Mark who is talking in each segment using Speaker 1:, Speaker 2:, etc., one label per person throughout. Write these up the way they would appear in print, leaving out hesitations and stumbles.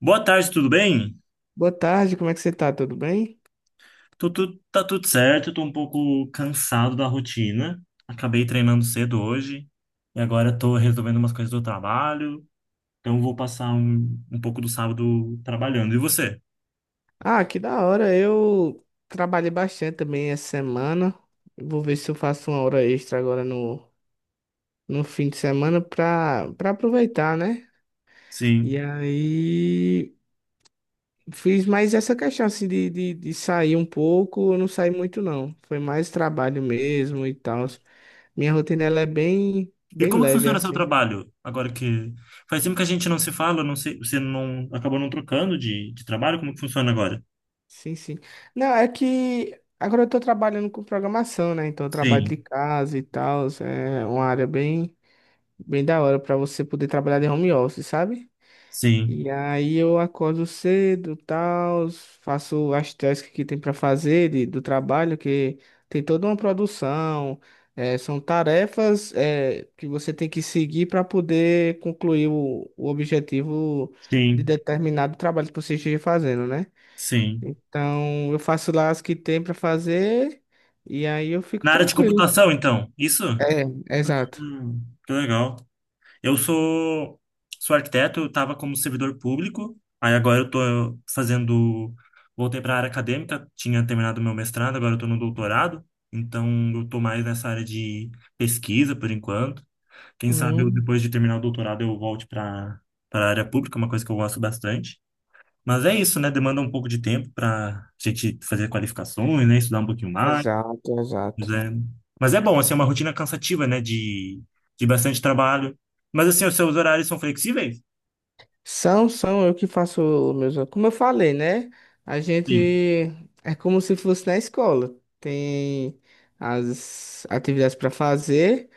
Speaker 1: Boa tarde, tudo bem?
Speaker 2: Boa tarde, como é que você tá? Tudo bem?
Speaker 1: Tô, tá tudo certo, tô um pouco cansado da rotina. Acabei treinando cedo hoje e agora tô resolvendo umas coisas do trabalho, então vou passar um pouco do sábado trabalhando. E você?
Speaker 2: Ah, que da hora. Eu trabalhei bastante também essa semana. Vou ver se eu faço uma hora extra agora no fim de semana pra aproveitar, né? E
Speaker 1: Sim.
Speaker 2: aí fiz mais essa questão assim de sair um pouco. Eu não saí muito, não. Foi mais trabalho mesmo e tal. Minha rotina ela é
Speaker 1: E
Speaker 2: bem
Speaker 1: como que
Speaker 2: leve
Speaker 1: funciona seu
Speaker 2: assim.
Speaker 1: trabalho? Agora que faz tempo que a gente não se fala, não sei, você não acabou não trocando de trabalho, como que funciona agora?
Speaker 2: Sim, sim. Não, é que agora eu tô trabalhando com programação, né? Então eu trabalho
Speaker 1: Sim,
Speaker 2: de casa e tal. É uma área bem da hora pra você poder trabalhar de home office, sabe?
Speaker 1: sim,
Speaker 2: E aí eu acordo cedo, tal, faço as tasks que tem pra fazer do trabalho, que tem toda uma produção, é, são tarefas, é, que você tem que seguir para poder concluir o objetivo de
Speaker 1: sim,
Speaker 2: determinado trabalho que você esteja fazendo, né?
Speaker 1: sim.
Speaker 2: Então, eu faço lá as que tem pra fazer e aí eu fico
Speaker 1: Na área de
Speaker 2: tranquilo.
Speaker 1: computação, então, isso?
Speaker 2: É, exato.
Speaker 1: Hum, que legal. Eu sou, sou arquiteto, eu estava como servidor público, aí agora eu estou fazendo, voltei para a área acadêmica, tinha terminado meu mestrado, agora eu estou no doutorado, então eu estou mais nessa área de pesquisa por enquanto. Quem sabe eu,
Speaker 2: Hum.
Speaker 1: depois de terminar o doutorado eu volte para a área pública, uma coisa que eu gosto bastante. Mas é isso, né? Demanda um pouco de tempo para a gente fazer qualificações, né? Estudar um pouquinho mais.
Speaker 2: Exato,
Speaker 1: Pois
Speaker 2: exato.
Speaker 1: é. Mas é bom, assim, é uma rotina cansativa, né? De bastante trabalho. Mas assim, os seus horários são flexíveis?
Speaker 2: São, são eu que faço os meus. Como eu falei, né? A gente
Speaker 1: Sim.
Speaker 2: é como se fosse na escola. Tem as atividades para fazer.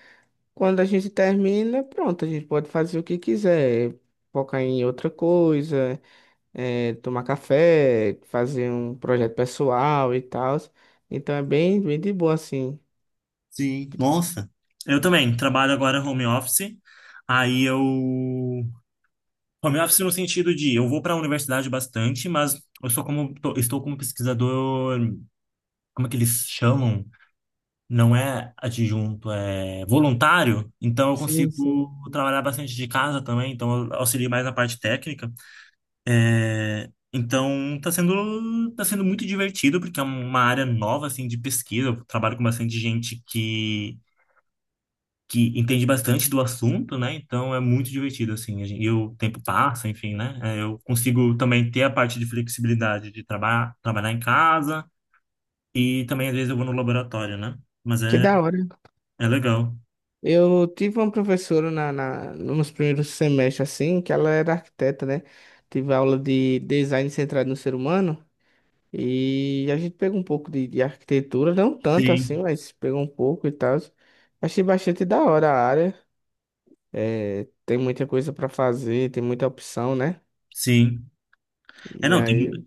Speaker 2: Quando a gente termina, pronto, a gente pode fazer o que quiser, focar em outra coisa, tomar café, fazer um projeto pessoal e tal. Então é bem de boa, assim.
Speaker 1: Sim, nossa. Eu também trabalho agora home office. Aí eu. Home office no sentido de eu vou para a universidade bastante, mas eu sou estou como pesquisador, como é que eles chamam? Não é adjunto, é voluntário. Então eu
Speaker 2: Sim, sim.
Speaker 1: consigo trabalhar bastante de casa também, então eu auxilio mais na parte técnica. É, então tá sendo muito divertido porque é uma área nova assim de pesquisa. Eu trabalho com bastante gente que entende bastante do assunto, né? Então é muito divertido assim. E o tempo passa, enfim, né? É, eu consigo também ter a parte de flexibilidade de trabalhar em casa e também às vezes eu vou no laboratório, né? Mas
Speaker 2: Que da hora.
Speaker 1: é legal.
Speaker 2: Eu tive uma professora nos primeiros semestres, assim, que ela era arquiteta, né? Tive aula de design centrado no ser humano. E a gente pegou um pouco de arquitetura, não tanto assim,
Speaker 1: Sim,
Speaker 2: mas pegou um pouco e tal. Achei bastante da hora a área. É, tem muita coisa para fazer, tem muita opção, né?
Speaker 1: sim. É,
Speaker 2: E
Speaker 1: não, tem,
Speaker 2: aí,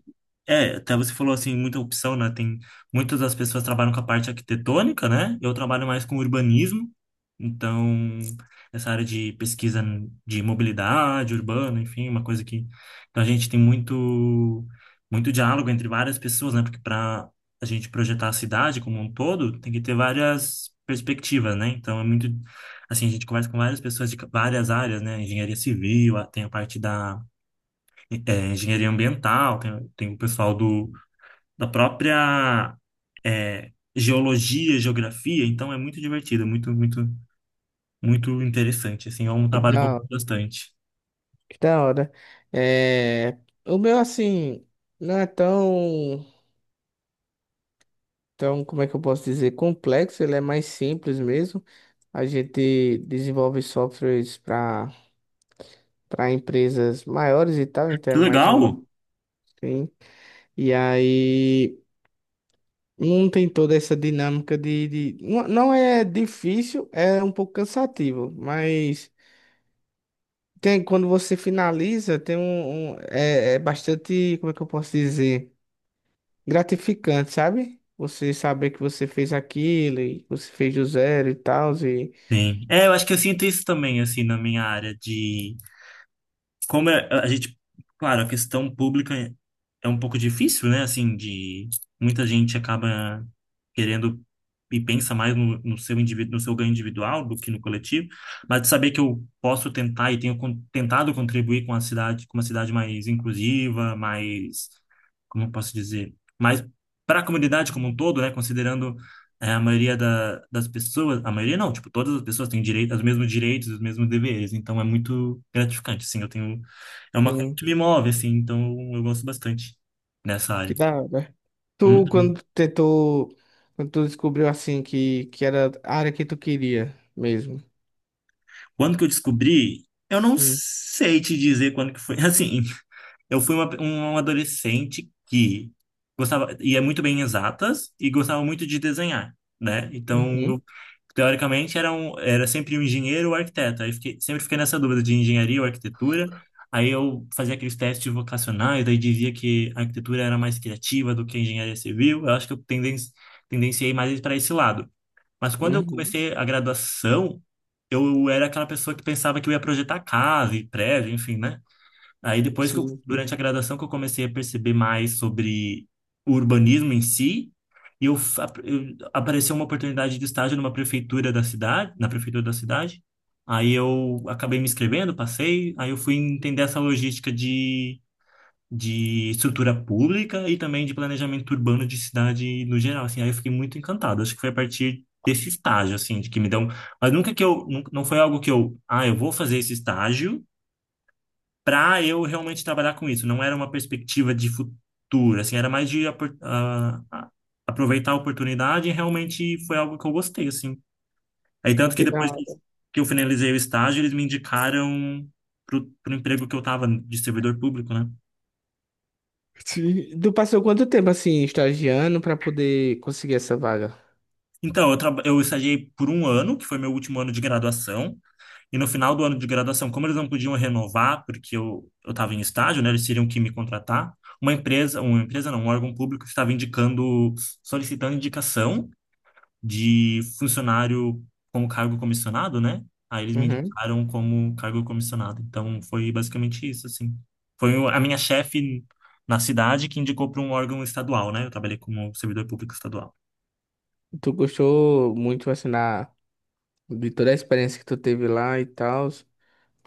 Speaker 1: É, até você falou assim, muita opção, né? Tem muitas das pessoas trabalham com a parte arquitetônica, né? Eu trabalho mais com urbanismo, então essa área de pesquisa de mobilidade urbana, enfim, uma coisa que então a gente tem muito diálogo entre várias pessoas, né? Porque para a gente projetar a cidade como um todo, tem que ter várias perspectivas, né? Então é muito assim, a gente conversa com várias pessoas de várias áreas, né? Engenharia civil, tem a parte da engenharia ambiental, tem o pessoal do da própria é, geologia, geografia, então é muito divertido, é muito, muito interessante, assim, é um
Speaker 2: que
Speaker 1: trabalho que eu
Speaker 2: da
Speaker 1: gosto bastante.
Speaker 2: que da hora. É, o meu, assim, não é tão, como é que eu posso dizer, complexo, ele é mais simples mesmo. A gente desenvolve softwares para empresas maiores e tal, então é
Speaker 1: Que
Speaker 2: mais
Speaker 1: legal!
Speaker 2: uma. Sim. E aí não tem toda essa dinâmica de... não é difícil, é um pouco cansativo, mas tem, quando você finaliza, tem é bastante, como é que eu posso dizer? Gratificante, sabe? Você saber que você fez aquilo e você fez do zero e tal, e
Speaker 1: Sim. É, eu acho que eu sinto isso também, assim, na minha área de como é- a gente, claro, a questão pública é um pouco difícil, né? Assim, de muita gente acaba querendo e pensa mais no seu indivíduo, no seu ganho individual do que no coletivo, mas de saber que eu posso tentar e tenho tentado contribuir com a cidade, com uma cidade mais inclusiva, mais, como eu posso dizer, mais para a comunidade como um todo, né? Considerando é, das pessoas, a maioria não, tipo, todas as pessoas têm direito, os mesmos direitos, os mesmos deveres, então é muito gratificante, assim, eu tenho, é uma coisa
Speaker 2: enfim,
Speaker 1: que me move, assim, então eu gosto bastante dessa área.
Speaker 2: que da hora. Tu,
Speaker 1: Uhum.
Speaker 2: quando tentou, quando tu descobriu assim que era a área que tu queria mesmo.
Speaker 1: Quando que eu descobri? Eu não
Speaker 2: Sim.
Speaker 1: sei te dizer quando que foi. Assim, eu fui um adolescente que gostava, ia muito bem em exatas e gostava muito de desenhar, né? Então,
Speaker 2: Uhum.
Speaker 1: eu, teoricamente, era sempre um engenheiro ou arquiteto. Sempre fiquei nessa dúvida de engenharia ou arquitetura. Aí eu fazia aqueles testes vocacionais, daí dizia que a arquitetura era mais criativa do que a engenharia civil. Eu acho que eu tendenciei mais para esse lado. Mas quando eu
Speaker 2: Uhum.
Speaker 1: comecei a graduação, eu era aquela pessoa que pensava que eu ia projetar casa e prédio, enfim, né? Aí depois
Speaker 2: Sim.
Speaker 1: durante a graduação que eu comecei a perceber mais sobre o urbanismo em si, e apareceu uma oportunidade de estágio numa prefeitura da cidade, na prefeitura da cidade. Aí eu acabei me inscrevendo, passei, aí eu fui entender essa logística de estrutura pública e também de planejamento urbano de cidade no geral, assim. Aí eu fiquei muito encantado. Acho que foi a partir desse estágio, assim, de que me deu... Mas nunca que eu... Não foi algo que eu... Ah, eu vou fazer esse estágio para eu realmente trabalhar com isso. Não era uma perspectiva de futuro, assim. Era mais de aproveitar a oportunidade e realmente foi algo que eu gostei, assim. Aí tanto que
Speaker 2: Que da
Speaker 1: depois
Speaker 2: hora.
Speaker 1: que eu finalizei o estágio, eles me indicaram pro emprego que eu tava de servidor público, né?
Speaker 2: Sim. Tu passou quanto tempo assim, estagiando pra poder conseguir essa vaga?
Speaker 1: Então, eu estagiei por um ano, que foi meu último ano de graduação, e no final do ano de graduação, como eles não podiam renovar, porque eu estava em estágio, né, eles teriam que me contratar, uma empresa não, um órgão público estava indicando, solicitando indicação de funcionário como cargo comissionado, né? Aí eles me
Speaker 2: Uhum.
Speaker 1: indicaram como cargo comissionado. Então, foi basicamente isso, assim. A minha chefe na cidade que indicou para um órgão estadual, né? Eu trabalhei como servidor público estadual.
Speaker 2: Tu gostou muito assim na, de toda a experiência que tu teve lá e tal?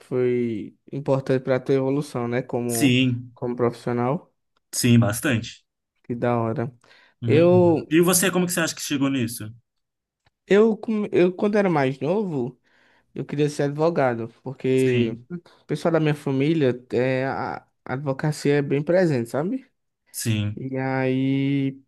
Speaker 2: Foi importante para a tua evolução, né? Como,
Speaker 1: Sim,
Speaker 2: como profissional.
Speaker 1: sim, bastante.
Speaker 2: Que da hora.
Speaker 1: Uhum.
Speaker 2: Eu,
Speaker 1: E você, como que você acha que chegou nisso?
Speaker 2: eu quando era mais novo, eu queria ser advogado, porque
Speaker 1: Sim,
Speaker 2: o pessoal da minha família, é, a advocacia é bem presente, sabe?
Speaker 1: sim,
Speaker 2: E aí,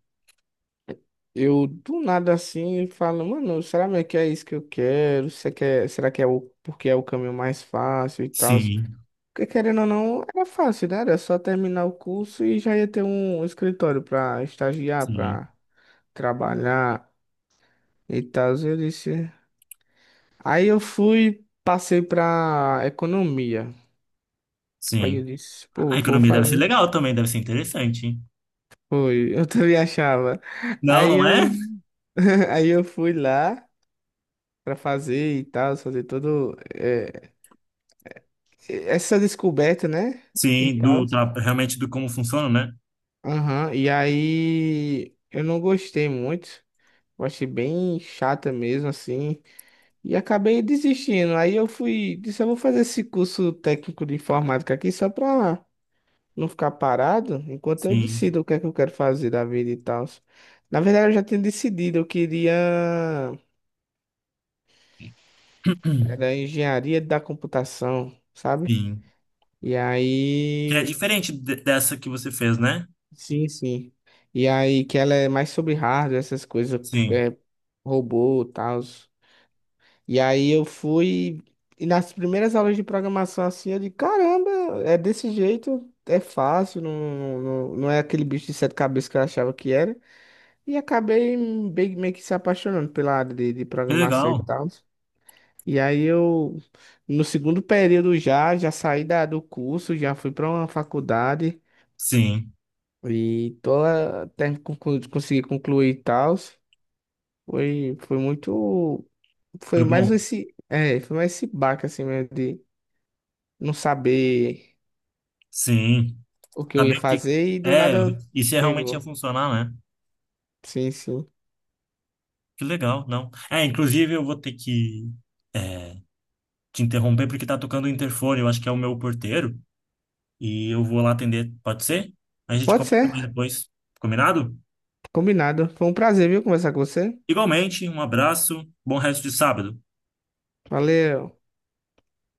Speaker 2: eu do nada assim falo, mano, será mesmo que é isso que eu quero? Será que é o, porque é o caminho mais fácil e tal?
Speaker 1: sim,
Speaker 2: Porque, querendo ou não, era fácil, né? Era só terminar o curso e já ia ter um escritório pra estagiar,
Speaker 1: sim,
Speaker 2: pra trabalhar e tal. Eu disse. Aí eu fui, passei pra economia. Aí eu
Speaker 1: sim.
Speaker 2: disse,
Speaker 1: A
Speaker 2: pô, vou
Speaker 1: economia deve ser
Speaker 2: fazer.
Speaker 1: legal também, deve ser interessante, hein?
Speaker 2: Foi, eu também achava.
Speaker 1: Não,
Speaker 2: Aí
Speaker 1: não é?
Speaker 2: eu, aí eu fui lá pra fazer e tal, fazer todo essa descoberta, né? E
Speaker 1: Sim,
Speaker 2: tal.
Speaker 1: realmente do como funciona, né?
Speaker 2: Aham. E aí eu não gostei muito. Eu achei bem chata mesmo, assim. E acabei desistindo. Aí eu fui, disse, eu vou fazer esse curso técnico de informática aqui só pra não ficar parado, enquanto eu
Speaker 1: Sim,
Speaker 2: decido o que é que eu quero fazer da vida e tal. Na verdade, eu já tinha decidido, eu queria... Era engenharia da computação, sabe?
Speaker 1: sim.
Speaker 2: E
Speaker 1: Que é
Speaker 2: aí...
Speaker 1: diferente dessa que você fez, né?
Speaker 2: Sim, sim. E aí que ela é mais sobre hardware, essas coisas,
Speaker 1: Sim.
Speaker 2: é, robô e tal. E aí eu fui. E nas primeiras aulas de programação, assim, eu digo, caramba, é desse jeito, é fácil, não, não é aquele bicho de sete cabeças que eu achava que era. E acabei meio que se apaixonando pela área de
Speaker 1: Que
Speaker 2: programação e
Speaker 1: legal.
Speaker 2: tal. E aí eu, no segundo período já, já saí do curso, já fui para uma faculdade
Speaker 1: Sim.
Speaker 2: e tô, até consegui concluir e tal. Foi, foi muito. Foi
Speaker 1: Foi
Speaker 2: mais
Speaker 1: bom.
Speaker 2: esse. É, foi mais esse baque assim mesmo não saber
Speaker 1: Sim.
Speaker 2: o que eu ia
Speaker 1: Saber o que
Speaker 2: fazer e do
Speaker 1: é
Speaker 2: nada
Speaker 1: e se realmente ia
Speaker 2: pegou.
Speaker 1: funcionar, né?
Speaker 2: Sim, sim.
Speaker 1: Que legal, não. É, inclusive eu vou ter que é, te interromper porque tá tocando o interfone, eu acho que é o meu porteiro, e eu vou lá atender, pode ser? A gente
Speaker 2: Pode
Speaker 1: comenta mais
Speaker 2: ser,
Speaker 1: depois, combinado?
Speaker 2: combinado. Foi um prazer, viu, conversar com você.
Speaker 1: Igualmente, um abraço, bom resto de sábado.
Speaker 2: Valeu.